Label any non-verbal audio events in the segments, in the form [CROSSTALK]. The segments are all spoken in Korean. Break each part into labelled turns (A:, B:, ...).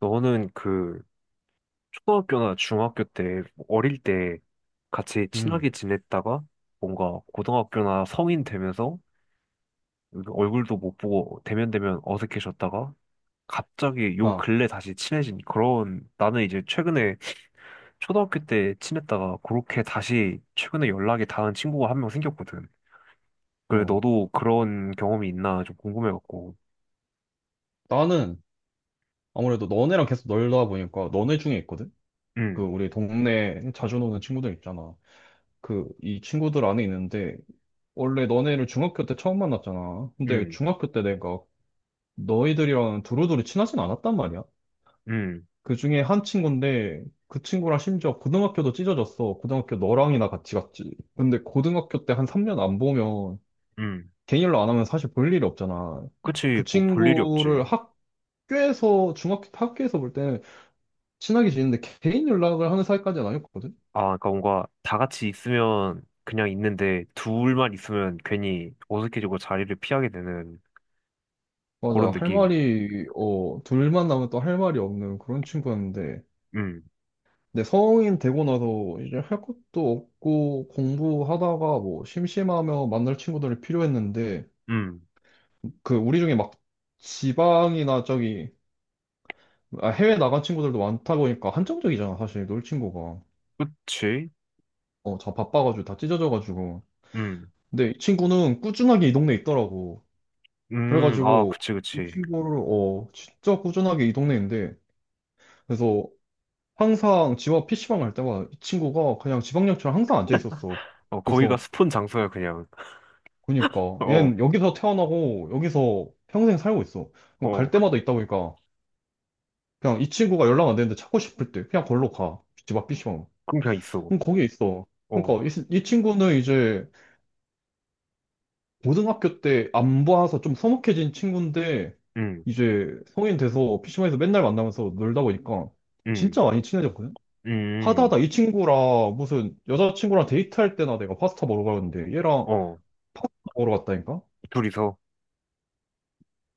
A: 너는 그 초등학교나 중학교 때 뭐 어릴 때 같이
B: 음,
A: 친하게 지냈다가 뭔가 고등학교나 성인 되면서 얼굴도 못 보고 대면대면 어색해졌다가 갑자기 요
B: 아,
A: 근래 다시 친해진, 그런, 나는 이제 최근에 초등학교 때 친했다가 그렇게 다시 최근에 연락이 닿은 친구가 한 명 생겼거든. 그래
B: 어.
A: 너도 그런 경험이 있나 좀 궁금해갖고.
B: 나는 아무래도 너네랑 계속 놀다 보니까 너네 중에 있거든? 그
A: 응,
B: 우리 동네에 자주 노는 친구들 있잖아. 그 이 친구들 안에 있는데 원래 너네를 중학교 때 처음 만났잖아. 근데
A: 응,
B: 중학교 때 내가 너희들이랑 두루두루 친하진 않았단 말이야.
A: 응,
B: 그 중에 한 친구인데 그 친구랑 심지어 고등학교도 찢어졌어. 고등학교 너랑이나 같이 갔지. 근데 고등학교 때 한 3년 안 보면
A: 응.
B: 개인일로 안 하면 사실 볼 일이 없잖아. 그
A: 그치 뭐 볼 일이 없지.
B: 친구를 학 학교에서 중학교 학교에서 볼 때는 친하게 지냈는데 개인 연락을 하는 사이까지는 아니었거든.
A: 아, 그러니까 뭔가 다 같이 있으면 그냥 있는데 둘만 있으면 괜히 어색해지고 자리를 피하게 되는 그런
B: 맞아, 할
A: 느낌.
B: 말이 둘만 나면 또 할 말이 없는 그런 친구였는데,
A: 음,
B: 근데 성인 되고 나서 이제 할 것도 없고 공부하다가 뭐 심심하면 만날 친구들이 필요했는데,
A: 음,
B: 그 우리 중에 막 지방이나 저기, 아, 해외 나간 친구들도 많다 보니까 한정적이잖아, 사실 놀 친구가.
A: 그치?
B: 어다 바빠가지고 다 찢어져가지고.
A: 음,
B: 근데 이 친구는 꾸준하게 이 동네에 있더라고.
A: 아,
B: 그래가지고
A: 그치,
B: 이
A: 그치.
B: 친구를 진짜 꾸준하게 이 동네인데, 그래서 항상 집 앞 PC방 갈 때마다 이 친구가 그냥 지방역처럼 항상 앉아 있었어.
A: 어, 거기가
B: 그래서,
A: 스폰 장소야, 그냥. [LAUGHS]
B: 그니까
A: 어,
B: 얘는 여기서 태어나고 여기서 평생 살고 있어. 그럼 갈
A: 어,
B: 때마다 있다 보니까 그냥 이 친구가 연락 안 되는데 찾고 싶을 때 그냥 걸로 가. 집 앞 PC방.
A: 그럼 그냥 있어.
B: 그럼 거기 있어.
A: 어,
B: 그러니까 이, 이 친구는 이제 고등학교 때 안 봐서 좀 서먹해진 친구인데,
A: 음,
B: 이제 성인 돼서 피 c 방에서 맨날 만나면서 놀다 보니까
A: 음,
B: 진짜 많이 친해졌거든? 하다
A: 음,
B: 하다 이 친구랑 무슨 여자친구랑 데이트할 때나, 내가 파스타 먹으러 가는데 얘랑
A: 어,
B: 파스타 먹으러 갔다니까?
A: 둘이서.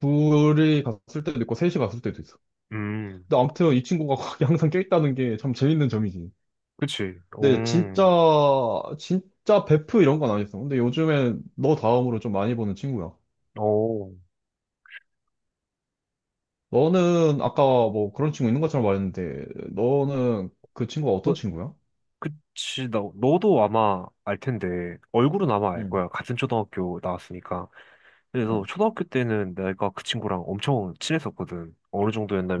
B: 둘이 갔을 때도 있고 셋이 갔을 때도 있어.
A: 음,
B: 근데 아무튼 이 친구가 [LAUGHS] 거기 항상 껴있다는 게 참 재밌는 점이지.
A: 그치.
B: 근데 진짜 진짜 베프 이런 건 아니었어. 근데 요즘엔 너 다음으로 좀 많이 보는 친구야.
A: 어.
B: 너는 아까 뭐 그런 친구 있는 것처럼 말했는데, 너는 그 친구가 어떤
A: 그-
B: 친구야?
A: 그치, 나, 너도 아마 알 텐데, 얼굴은 아마 알
B: 응,
A: 거야. 같은 초등학교 나왔으니까. 그래서
B: 응,
A: 초등학교 때는 내가 그 친구랑 엄청 친했었거든. 어느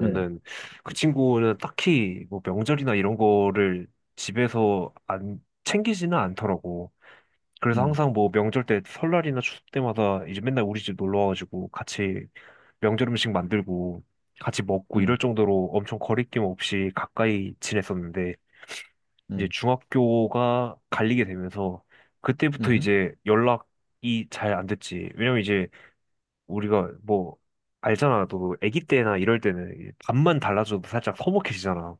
B: 응,
A: 그 친구는 딱히 뭐 명절이나 이런 거를 집에서 안 챙기지는 않더라고. 그래서
B: 응,
A: 항상 뭐 명절 때 설날이나 추석 때마다 이제 맨날 우리 집 놀러 와가지고 같이 명절 음식 만들고 같이 먹고 이럴
B: 응,
A: 정도로 엄청 거리낌 없이 가까이 지냈었는데, 이제
B: 응,
A: 중학교가 갈리게 되면서 그때부터
B: 응,
A: 이제 연락이 잘 안 됐지. 왜냐면 이제 우리가 뭐 알잖아. 또 아기 때나 이럴 때는 이제 밥만 달라져도 살짝 서먹해지잖아.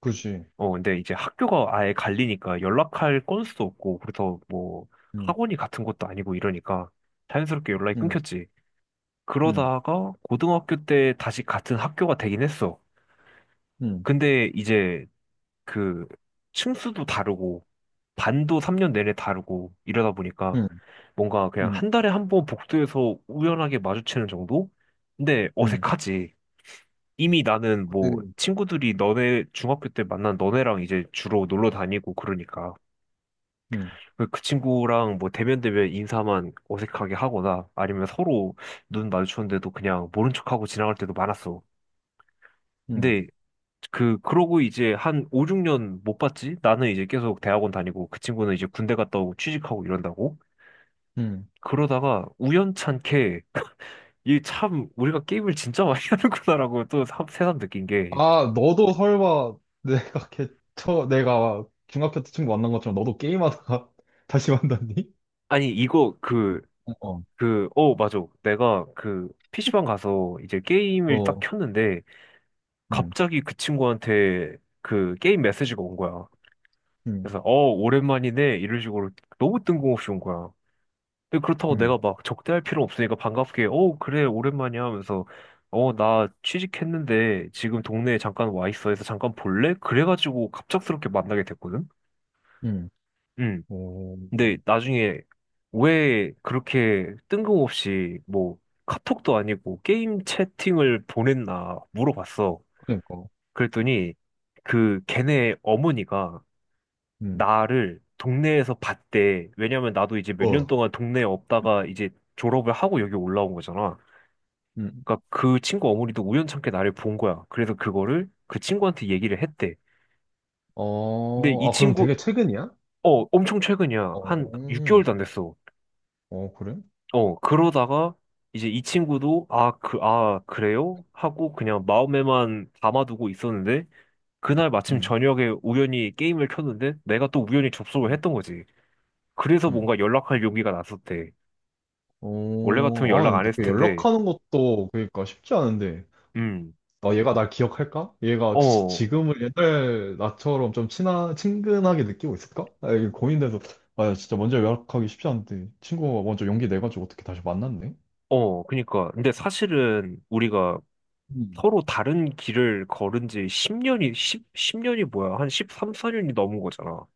B: 그지.
A: 어, 근데 이제 학교가 아예 갈리니까 연락할 건수도 없고, 그래서 뭐
B: 응,
A: 학원이 같은 것도 아니고 이러니까 자연스럽게 연락이
B: 응,
A: 끊겼지.
B: 응,
A: 그러다가 고등학교 때 다시 같은 학교가 되긴 했어.
B: 응,
A: 근데 이제 그, 층수도 다르고 반도 3년 내내 다르고 이러다 보니까
B: 응,
A: 뭔가 그냥
B: 응,
A: 한 달에 한 번 복도에서 우연하게 마주치는 정도? 근데
B: 응,
A: 어색하지. 이미 나는 뭐
B: 그지.
A: 친구들이 너네 중학교 때 만난 너네랑 이제 주로 놀러 다니고 그러니까
B: 응,
A: 그그 친구랑 뭐 대면 대면 인사만 어색하게 하거나 아니면 서로 눈 마주쳤는데도 그냥 모른 척하고 지나갈 때도 많았어.
B: 응,
A: 근데 그러고 이제 한 5, 6년 못 봤지? 나는 이제 계속 대학원 다니고 그 친구는 이제 군대 갔다 오고 취직하고 이런다고.
B: 응.
A: 그러다가 우연찮게 이 참 우리가 게임을 진짜 많이 [LAUGHS] 하는구나라고 또 새삼 느낀 게,
B: 아, 너도 설마 [LAUGHS] 내가 개, 내가 중학교 때 친구 만난 것처럼 너도 게임하다가 [LAUGHS] 다시 만났니?
A: 아니 이거
B: 어,
A: 어, 맞아. 내가 그 PC방 가서 이제 게임을 딱
B: 어,
A: 켰는데
B: 응,
A: 갑자기 그 친구한테 그 게임 메시지가 온 거야.
B: 응,
A: 그래서 어, 오랜만이네, 이런 식으로 너무 뜬금없이 온 거야. 근데 그렇다고
B: 응,
A: 내가 막 적대할 필요 없으니까 반갑게 어, 그래, 오랜만이야 하면서, 어, 나 취직했는데 지금 동네에 잠깐 와 있어 해서 잠깐 볼래? 그래가지고 갑작스럽게 만나게 됐거든.
B: 응.
A: 응.
B: 오,
A: 근데 나중에 왜 그렇게 뜬금없이 뭐 카톡도 아니고 게임 채팅을 보냈나 물어봤어.
B: 그러니까.
A: 그랬더니, 그 걔네 어머니가
B: 응,
A: 나를 동네에서 봤대. 왜냐면 나도 이제 몇 년
B: 어.
A: 동안 동네에 없다가 이제 졸업을 하고 여기 올라온 거잖아.
B: 응,
A: 그러니까 그 친구 어머니도 우연찮게 나를 본 거야. 그래서 그거를 그 친구한테 얘기를 했대. 근데
B: 어,
A: 이
B: 아, 그럼
A: 친구,
B: 되게 최근이야?
A: 어, 엄청 최근이야.
B: 어,
A: 한 6개월도 안 됐어.
B: 어, 그래?
A: 어, 그러다가 이제 이 친구도, 아, 그, 아, 그래요? 하고 그냥 마음에만 담아두고 있었는데, 그날 마침
B: 응,
A: 저녁에 우연히 게임을 켰는데 내가 또 우연히 접속을
B: 음.
A: 했던 거지. 그래서
B: 응. 응.
A: 뭔가 연락할 용기가 났었대. 원래 같으면
B: 어, 아,
A: 연락 안
B: 근데
A: 했을
B: 그
A: 텐데,
B: 연락하는 것도 그러니까 쉽지 않은데.
A: 음,
B: 아, 얘가 날 기억할까? 얘가
A: 어,
B: 지금을 옛날 나처럼 좀 친근하게 느끼고 있을까? 아, 이게 고민돼서. 아, 진짜 먼저 연락하기 쉽지 않은데. 친구가 먼저 용기 내가지고 어떻게 다시 만났네?
A: 어, 그니까. 근데 사실은 우리가
B: 응,
A: 서로 다른 길을 걸은 지 10년이 뭐야? 한 13, 14년이 넘은 거잖아.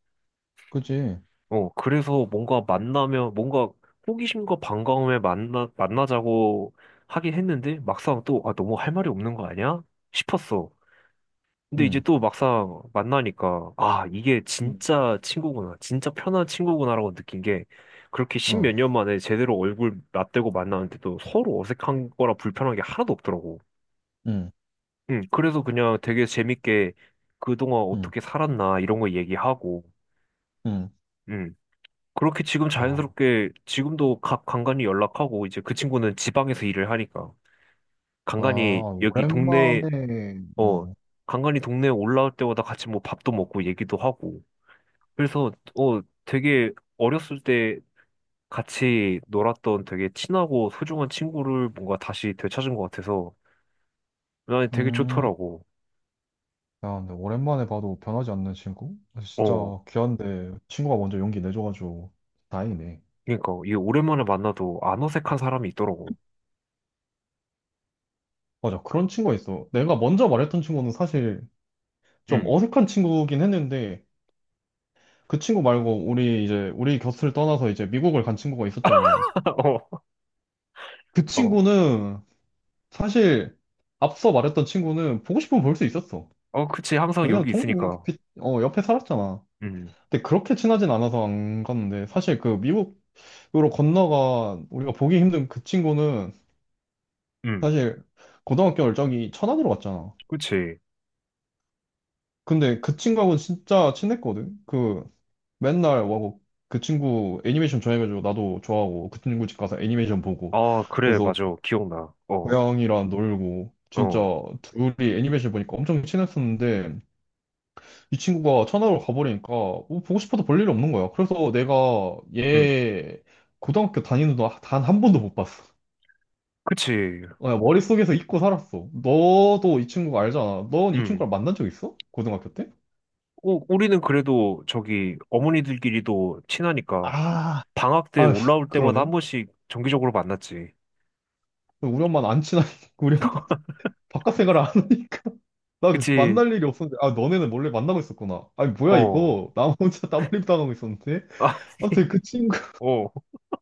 B: 그지?
A: 어, 그래서 뭔가 만나면, 뭔가 호기심과 반가움에 만나자고 하긴 했는데, 막상 또, 아, 너무 할 말이 없는 거 아니야? 싶었어. 근데 이제
B: 응,
A: 또 막상 만나니까, 아, 이게
B: 응,
A: 진짜 친구구나, 진짜 편한 친구구나라고 느낀 게, 그렇게
B: 어,
A: 십몇 년 만에 제대로 얼굴 맞대고 만나는데도 서로 어색한 거라 불편한 게 하나도 없더라고.
B: 응,
A: 응, 그래서 그냥 되게 재밌게 그동안
B: 응,
A: 어떻게 살았나, 이런 거 얘기하고,
B: 응.
A: 응. 그렇게 지금
B: 아,
A: 자연스럽게 지금도 각 간간이 연락하고, 이제 그 친구는 지방에서 일을 하니까 간간이
B: 아,
A: 여기 동네
B: 오랜만에,
A: 어
B: 뭐,
A: 간간이 동네에 올라올 때마다 같이 뭐 밥도 먹고 얘기도 하고, 그래서 어 되게 어렸을 때 같이 놀았던 되게 친하고 소중한 친구를 뭔가 다시 되찾은 것 같아서 난 되게
B: 음.
A: 좋더라고.
B: 야, 근데 오랜만에 봐도 변하지 않는 친구? 진짜
A: 어
B: 귀한데 친구가 먼저 용기 내줘가지고 다행이네.
A: 그러니까 이게 오랜만에 만나도 안 어색한 사람이 있더라고.
B: 맞아, 그런 친구가 있어. 내가 먼저 말했던 친구는 사실 좀
A: 음,
B: 어색한 친구긴 했는데, 그 친구 말고 우리 이제 우리 곁을 떠나서 이제 미국을 간 친구가 있었잖아.
A: [LAUGHS]
B: 그
A: 어, 어,
B: 친구는, 사실 앞서 말했던 친구는 보고 싶으면 볼 수 있었어.
A: 어, 그치, 항상
B: 왜냐면
A: 여기 있으니까.
B: 옆에 살았잖아.
A: 음,
B: 근데 그렇게 친하진 않아서 안 갔는데, 사실 그 미국으로 건너가 우리가 보기 힘든 그 친구는,
A: 음.
B: 사실 고등학교 열정이 천안으로 갔잖아.
A: 그치.
B: 근데 그 친구하고는 진짜 친했거든. 그 맨날 와고, 그 친구 애니메이션 좋아해가지고 나도 좋아하고, 그 친구 집 가서 애니메이션 보고
A: 아, 그래,
B: 거기서
A: 맞아. 기억나. 어,
B: 고양이랑 놀고, 진짜
A: 어,
B: 둘이 애니메이션 보니까 엄청 친했었는데, 이 친구가 천안으로 가버리니까 뭐 보고 싶어도 볼 일이 없는 거야. 그래서 내가
A: 음,
B: 얘 고등학교 다니는 동안 단 한 번도 못 봤어.
A: 그치,
B: 그 머릿속에서 잊고 살았어. 너도 이 친구 알잖아. 넌 이
A: 음,
B: 친구랑 만난 적 있어? 고등학교 때?
A: 오, 우리는 그래도 저기 어머니들끼리도 친하니까
B: 아,
A: 방학 때
B: 아,
A: 올라올 때마다 한
B: 그러네.
A: 번씩 정기적으로 만났지.
B: 우리 엄마는 안 친하니까, [LAUGHS] 우리 엄마 바깥 생활을 안 하니까. [LAUGHS] 나그
A: 그치,
B: 만날 일이 없었는데, 아, 너네는 몰래 만나고 있었구나. 아니, 뭐야,
A: 어,
B: 이거. 나 혼자 [LAUGHS] 따돌림 당하고 있었는데.
A: 아, [LAUGHS]
B: 아무튼 그 친구,
A: 어,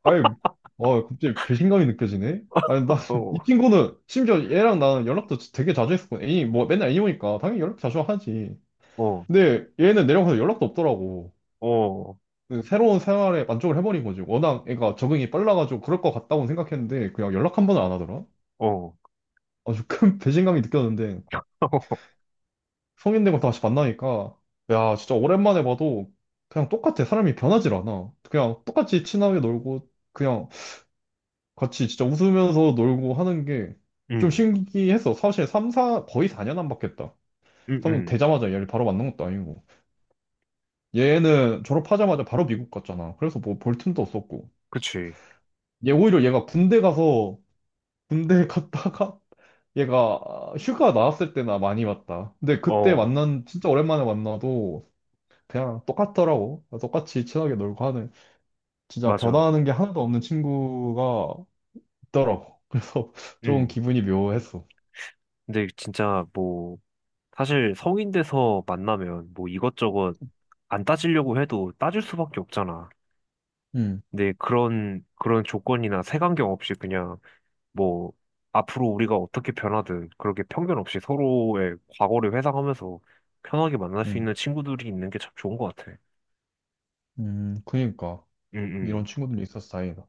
B: 아니, 와, 갑자기 배신감이 느껴지네. 아니, 나,
A: 어,
B: 이 친구는, 심지어 얘랑 나는 연락도 되게 자주 했었고, 애니, 뭐, 맨날 애니 보니까 당연히 연락 자주 하지.
A: 어,
B: 근데 얘는 내려가서 연락도 없더라고.
A: 어,
B: 그 새로운 생활에 만족을 해버린 거지. 워낙 애가 적응이 빨라가지고 그럴 것 같다고 생각했는데, 그냥 연락 한 번을 안 하더라.
A: 어,
B: 아주 큰 [LAUGHS] 배신감이 느꼈는데,
A: [LAUGHS]
B: 성인 되고 다시 만나니까, 야, 진짜 오랜만에 봐도 그냥 똑같아. 사람이 변하질 않아. 그냥 똑같이 친하게 놀고, 그냥 같이 진짜 웃으면서 놀고 하는 게 좀
A: 음,
B: 신기했어. 사실 3, 4, 거의 4년 안 바뀌었다.
A: 음,
B: 성인
A: 음,
B: 되자마자 얘를 바로 만난 것도 아니고, 얘는 졸업하자마자 바로 미국 갔잖아. 그래서 뭐 볼 틈도 없었고,
A: 그치,
B: 얘 오히려 얘가 군대 가서, 군대 갔다가 [LAUGHS] 얘가 휴가 나왔을 때나 많이 봤다. 근데 그때
A: 어,
B: 만난, 진짜 오랜만에 만나도 그냥 똑같더라고. 똑같이 친하게 놀고 하는, 진짜
A: 맞아.
B: 변화하는 게 하나도 없는 친구가 있더라고. 그래서 [LAUGHS] 좀
A: 음,
B: 기분이 묘했어.
A: 근데 진짜 뭐, 사실 성인 돼서 만나면 뭐 이것저것 안 따지려고 해도 따질 수밖에 없잖아.
B: 음,
A: 근데 그런 그런 조건이나 색안경 없이 그냥 뭐 앞으로 우리가 어떻게 변하든 그렇게 편견 없이 서로의 과거를 회상하면서 편하게 만날 수
B: 음,
A: 있는 친구들이 있는 게 참 좋은 것 같아.
B: 그니까 이런
A: 응응.
B: 친구들이 있어서 다행이다.